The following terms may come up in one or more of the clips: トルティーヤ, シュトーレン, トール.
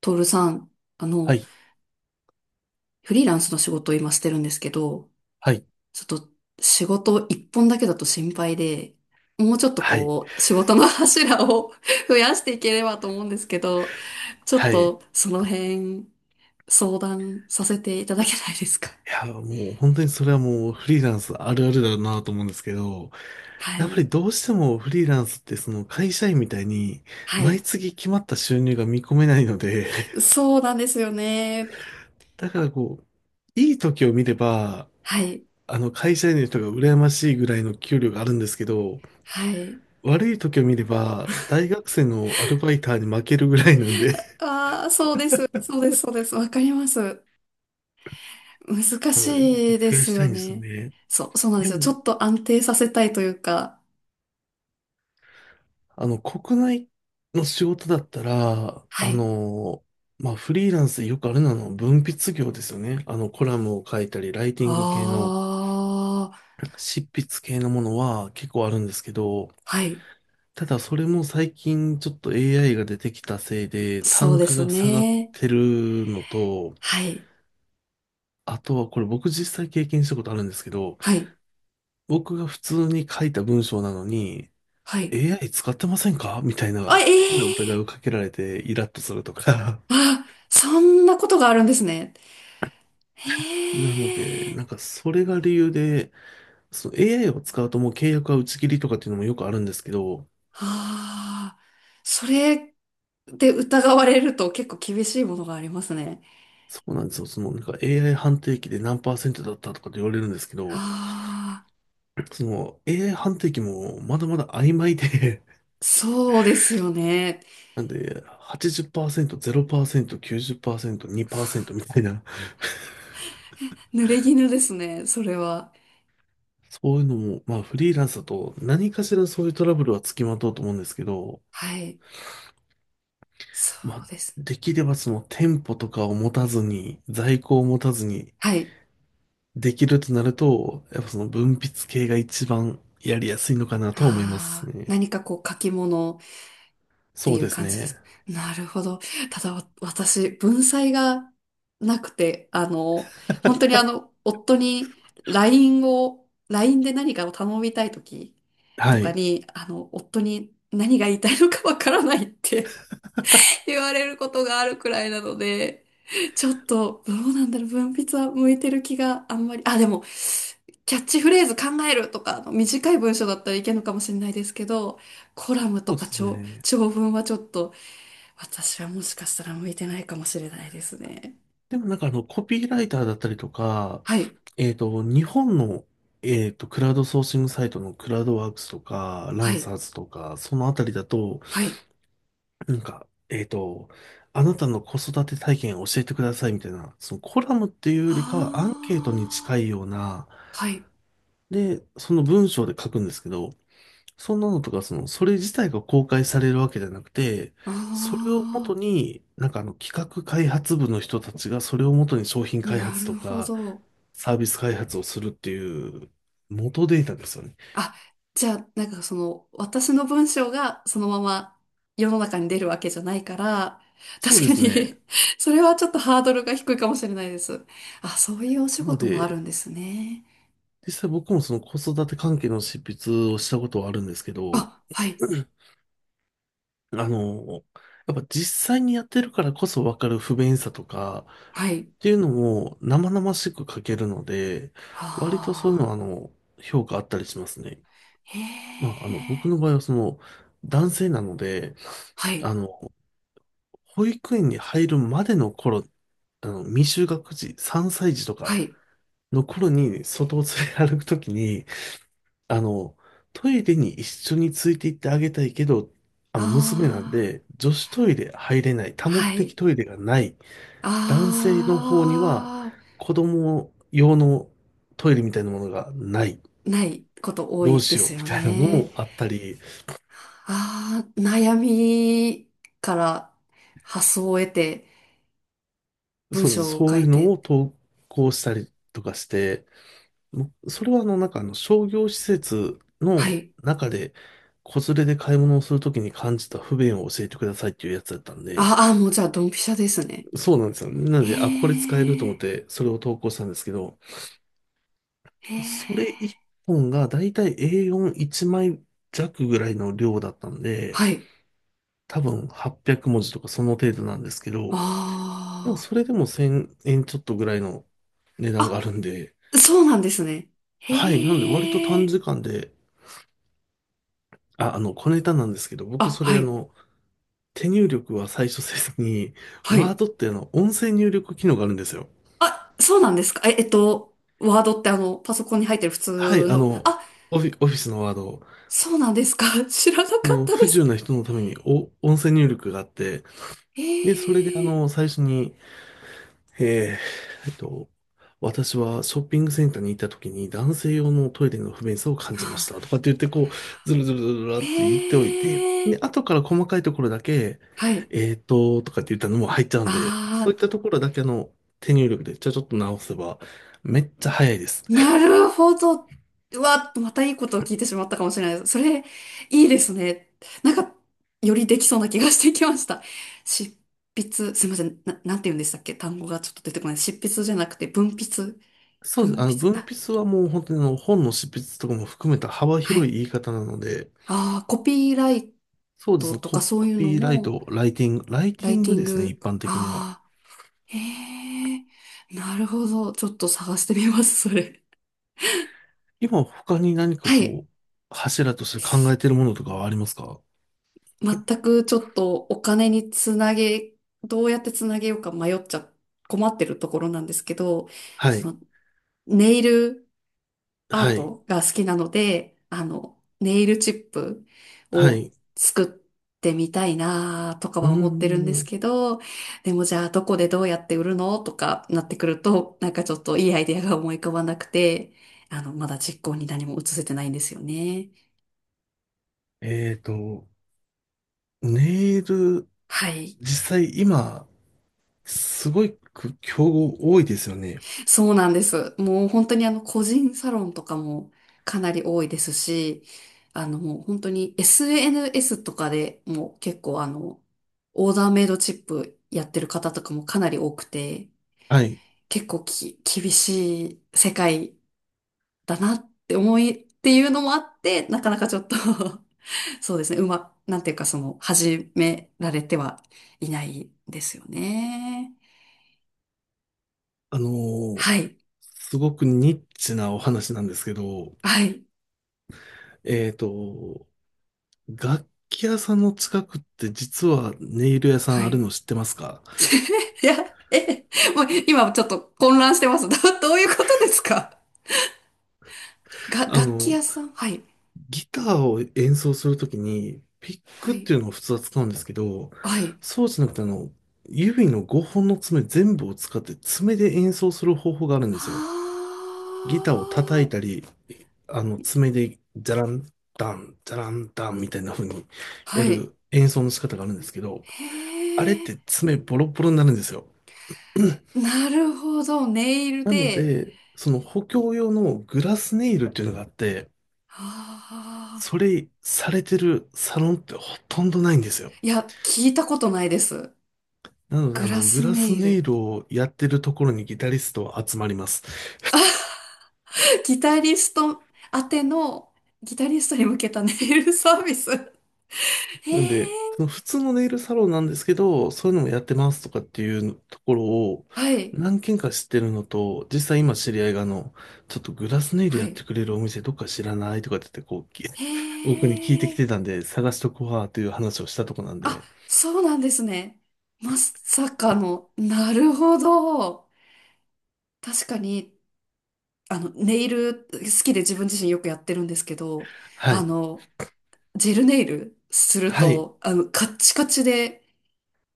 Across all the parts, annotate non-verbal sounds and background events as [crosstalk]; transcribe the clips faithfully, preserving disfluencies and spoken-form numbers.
トールさん、あはの、い、フリーランスの仕事を今してるんですけど、はい、ちょっと仕事一本だけだと心配で、もうちょっとはい、こう、仕事の柱を [laughs] 増やしていければと思うんですけど、ちょっはい。いとその辺相談させていただけないですか？ や、もう本当にそれはもうフリーランスあるあるだなと思うんですけど、[laughs] はやっぱい。りどうしてもフリーランスってその会社員みたいには毎い。月決まった収入が見込めないので、[laughs] そうなんですよね。だからこう、いい時を見れば、はい。あの会社員の人が羨ましいぐらいの給料があるんですけど、はい。悪い時を見れば大学生のアルバイターに負けるぐらいなんで、ああ、そうです。そうです。そうです。わかります。難 [laughs] あの、なんかしいで増やすしたよいんですよね。ね。そう、そうなんでですよ。ちも、ょっと安定させたいというか。あの、国内の仕事だったら、はあい。の、まあ、フリーランスでよくあるのはあの文筆業ですよね。あの、コラムを書いたり、ライティング系の、ああ、執筆系のものは結構あるんですけど、はい。ただそれも最近ちょっと エーアイ が出てきたせいで、そう単で価すが下がっね。てるのと、はい。あとはこれ僕実際経験したことあるんですけど、はい。僕が普通に書いた文章なのに、はい。エーアイ 使ってませんかみたいなあ、変な疑いをええかけられてイラッとするとか。あ、そんなことがあるんですね。なので、ええなんかそれが理由で、その エーアイ を使うともう契約は打ち切りとかっていうのもよくあるんですけど、ああ、それで疑われると結構厳しいものがありますね。そうなんですよ。そのなんか エーアイ 判定機で何パーセントだったとかって言われるんですけど、ああ、その エーアイ 判定機もまだまだ曖昧で、そうですよね。[laughs] なんではちじゅっパーセント、ゼロパーセント、きゅうじゅっパーセント、にパーセントみたいな、濡れ衣ですね、それは。そういうのも、まあフリーランスだと何かしらそういうトラブルはつきまとうと思うんですけど、はい。そまあうです。できればその店舗とかを持たずに、在庫を持たずに、はい。できるとなると、やっぱその文筆系が一番やりやすいのかなとは思いますああ、ね。何かこう書き物ってそういうです感じでね。す。なるほど。ただわ私、文才がなくて、あの、本当にあの、夫に ライン を、ライン で何かを頼みたいときとはかい。に、あの、夫に何が言いたいのかわからないって言われることがあるくらいなので、ちょっと、どうなんだろう、文筆は向いてる気があんまり、あ、でも、キャッチフレーズ考えるとか、あの短い文章だったらいけるのかもしれないですけど、コラムそとうでかす長、ね。長文はちょっと、私はもしかしたら向いてないかもしれないですね。でもなんかあの、コピーライターだったりとか、はい、えっと、日本の、えっと、クラウドソーシングサイトのクラウドワークスとか、ラはンい、サーズとか、そのあたりだと、はい。なんか、えっと、あなたの子育て体験を教えてくださいみたいな、そのコラムっていうよりかはアンケートに近あいような、あ、はい。で、その文章で書くんですけど、そんなのとか、その、それ自体が公開されるわけじゃなくて、それを元あに、なんかあの企画開発部の人たちがそれを元に商品あ、開な発とるほかど。サービス開発をするっていう元データですよね。あ、じゃあ、なんかその、私の文章がそのまま世の中に出るわけじゃないから、そう確でかすね。に [laughs] それはちょっとハードルが低いかもしれないです。あ、そういうお仕なの事もあるで、んですね。実際僕もその子育て関係の執筆をしたことはあるんですけど、あ、はい、[clears throat] あの、やっぱ実際にやってるからこそわかる不便さとか、はい。っていうのも生々しく書けるので、割とそういあうのはああ、の、評価あったりしますね。へまあ、あの、僕え、の場合はその、男性なので、はあい、の、保育園に入るまでの頃、あの、未就学児、さんさい児とかはい。の頃に外を連れ歩くときに、あの、トイレに一緒について行ってあげたいけど、あの、娘なんああ、で、女子トイレ入れない、多目は的い。トイレがない、男性の方にはあ子供用のトイレみたいなものがない。あ、ないこと多どういでしようすみよたいなのね。もあったり、ああ、悩みから発想を得て、文そうです。章をそ書ういういのて。を投稿したりとかして、もうそれはあの、なんかあの商業施設はのい。中で子連れで買い物をするときに感じた不便を教えてくださいっていうやつだったんで、ああ、もうじゃあ、ドンピシャですね。そうなんですよ。なのへで、あ、これ使えると思っえ、てそれを投稿したんですけど、へそれ1え。本がだいたい エーよんいち 枚弱ぐらいの量だったんで、はい。多分はっぴゃく文字とかその程度なんですけど、でもあそれでもせんえんちょっとぐらいの値段がああ。るんで、あ、そうなんですね。はい、なので割とへ短え。時間で、あ、あの、小ネタなんですけど、僕あ、そはれあい。の、手入力は最初せずに、はワーい。ドってあの、音声入力機能があるんですよ。あ、そうなんですか。え、えっと、ワードってあの、パソコンに入ってる普はい、通あの。の、あ、オフィ、オフィスのワードを、そうなんですか。[laughs] 知らなそかっのたで不自由す。な人のためにお音声入力があって、へで、それであえ。の、最初にええ、えっと、私はショッピングセンターに行った時に男性用のトイレの不便さを感じましたと [laughs] かって言ってこう、ずるずるずるずるって言っておいて、へで、え。後から細かいところだけ、はい。えーっと、とかって言ったのも入っちゃうんで、あそういっあ。たところだけあの手入力でちょちょっと直せばめっちゃ早いです。なるほど。うわ、またいいことを聞いてしまったかもしれないです。それ、いいですね。なんか、よりできそうな気がしてきました。執筆、すいません。な、なんて言うんでしたっけ単語がちょっと出てこない。執筆じゃなくて、文筆。そうです。文あの、筆。文あ、筆はもう本当にあの本の執筆とかも含めた幅は広いい。言い方なので、ああ、コピーライそうでトす。とかコそういうのピーライも、ト、ライティング、ライテラィインテグィンですね、一グ。般的には。ああ、へえ。なるほど。ちょっと探してみます、それ。今他に何かはい。こう、柱として考えてるものとかはありますか？全くちょっとお金につなげ、どうやってつなげようか迷っちゃ、困ってるところなんですけど、はい。そのネイルアはーい。トが好きなので、あの、ネイルチップはをい。作ってみたいなとかうーは思ってるんですん。けど、でもじゃあどこでどうやって売るのとかなってくると、なんかちょっといいアイデアが思い浮かばなくて、あの、まだ実行に何も移せてないんですよね。えっと、ネイル、はい。実際今、すごく競合多いですよね。そうなんです。もう本当にあの個人サロンとかもかなり多いですし、あのもう本当に エスエヌエス とかでもう結構あの、オーダーメイドチップやってる方とかもかなり多くて、はい。結構き、厳しい世界だなって思いっていうのもあって、なかなかちょっと [laughs] そうですね、うま、なんていうかその、始められてはいないですよね。あのーはい、すごくニッチなお話なんですけど、はい、えっと、楽器屋さんの近くって実はネイル屋さんはあるい。の知ってますか？いや、え、もう今ちょっと混乱してます。[laughs] ど、どういうことですか？が、あ楽器の、屋さんはい。ギターを演奏するときに、ピックはっい。ていうのを普通は使うんですけど、はい。そうじゃなくて、あの、指のごほんの爪全部を使って爪で演奏する方法があるんですよ。ギターを叩はいたり、あの、爪で、ジャランダン、ジャランダンみたいな風にあ。はやい。る演奏の仕方があるんですけど、へあれってえ。爪ボロボロになるんですよ。[clears throat] なるほど。ネイルなので。で、その補強用のグラスネイルっていうのがあって、ああ。それされてるサロンってほとんどないんですよ。いや、聞いたことないです。なので、あグラの、グスラネスイネイル。ルをやってるところにギタリストは集まります。ギタリスト宛ての、ギタリストに向けたネイルサービス。へなんで、そのえ。普通のネイルサロンなんですけど、そういうのもやってますとかっていうところをはい。何軒か知ってるのと、実際今知り合いがあの、ちょっとグラスネイルはやっい。てくれるお店どっか知らないとかって言って、こう、き へ [laughs] 僕に聞いてきえ。てたんで、探しとこうわという話をしたとこなんあ、で、そうなんですね。まさかの、なるほど。確かに、あの、ネイル好きで自分自身よくやってるんですけど、はあい。の、ジェルネイルするはい。と、あの、カッチカチで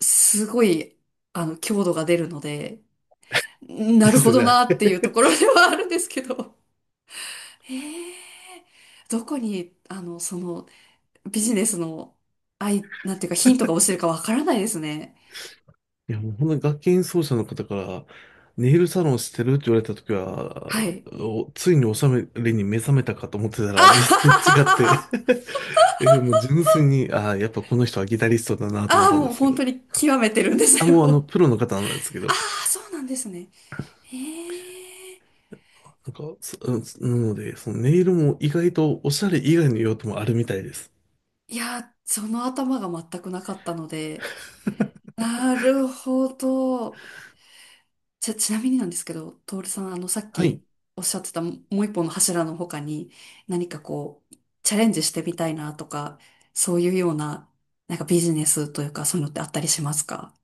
すごい、あの、強度が出るので、なでるすほよどね、あなれ。っていうところではあるんですけど。へえ、どこに、あの、その、ビジネスの、あいなんていうかヒントが落ちてるかわからないですね。いや、もう本当に楽器演奏者の方から、ネイルサロンしてるって言われたときはは、い。おついにお収めに目覚めたかと思ってたあら、はは全然違っはて は [laughs] え、もう純粋に、ああ、やっぱこの人はギタリストだなと思あっあ、たんでもうすけ本ど。当に極めてるんであ、すもうあの、よ。プ [laughs] ロの方なんですけあど。あ、そうなんですね。へえ。なんか、そうんなので、そのネイルも意外とおしゃれ以外の用途もあるみたいです。いや、その頭が全くなかったので。なるほど。ちゃ、ちなみになんですけど、トールさん、あの、さっはい。きおっしゃってたももう一本の柱の他に、何かこう、チャレンジしてみたいなとか、そういうような、なんかビジネスというか、そういうのってあったりしますか？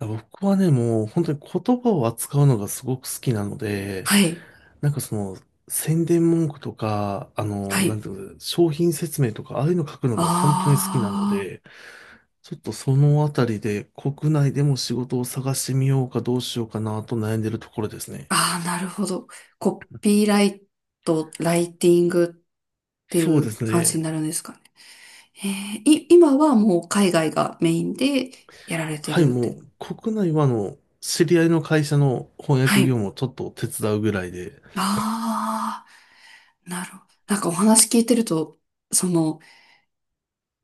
僕はね、もう本当に言葉を扱うのがすごく好きなので、はい。なんかその、宣伝文句とか、あの、はなんい。ていうの、商品説明とか、ああいうの書くのが本当にあ好きなのあ。で、ちょっとそのあたりで国内でも仕事を探してみようかどうしようかなと悩んでるところですね。ああ、なるほど。コピーライト、ライティングっていそうでうす感じにね。なるんですかね。えーい、今はもう海外がメインでやられてはい、るっもて。う国内はあの、知り合いの会社の翻は訳業い。務をちょっと手伝うぐらいで、ああ、なるほど。なんかお話聞いてると、その、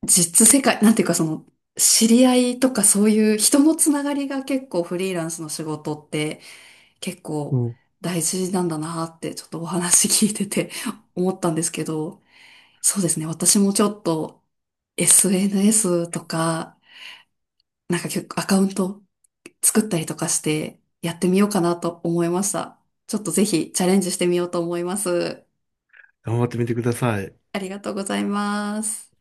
実世界、なんていうかその、知り合いとかそういう人のつながりが結構フリーランスの仕事って結う構ん、大事なんだなってちょっとお話聞いてて思ったんですけど、そうですね。私もちょっと エスエヌエス とか、なんか結構アカウント作ったりとかしてやってみようかなと思いました。ちょっとぜひチャレンジしてみようと思います。頑張ってみてください。ありがとうございます。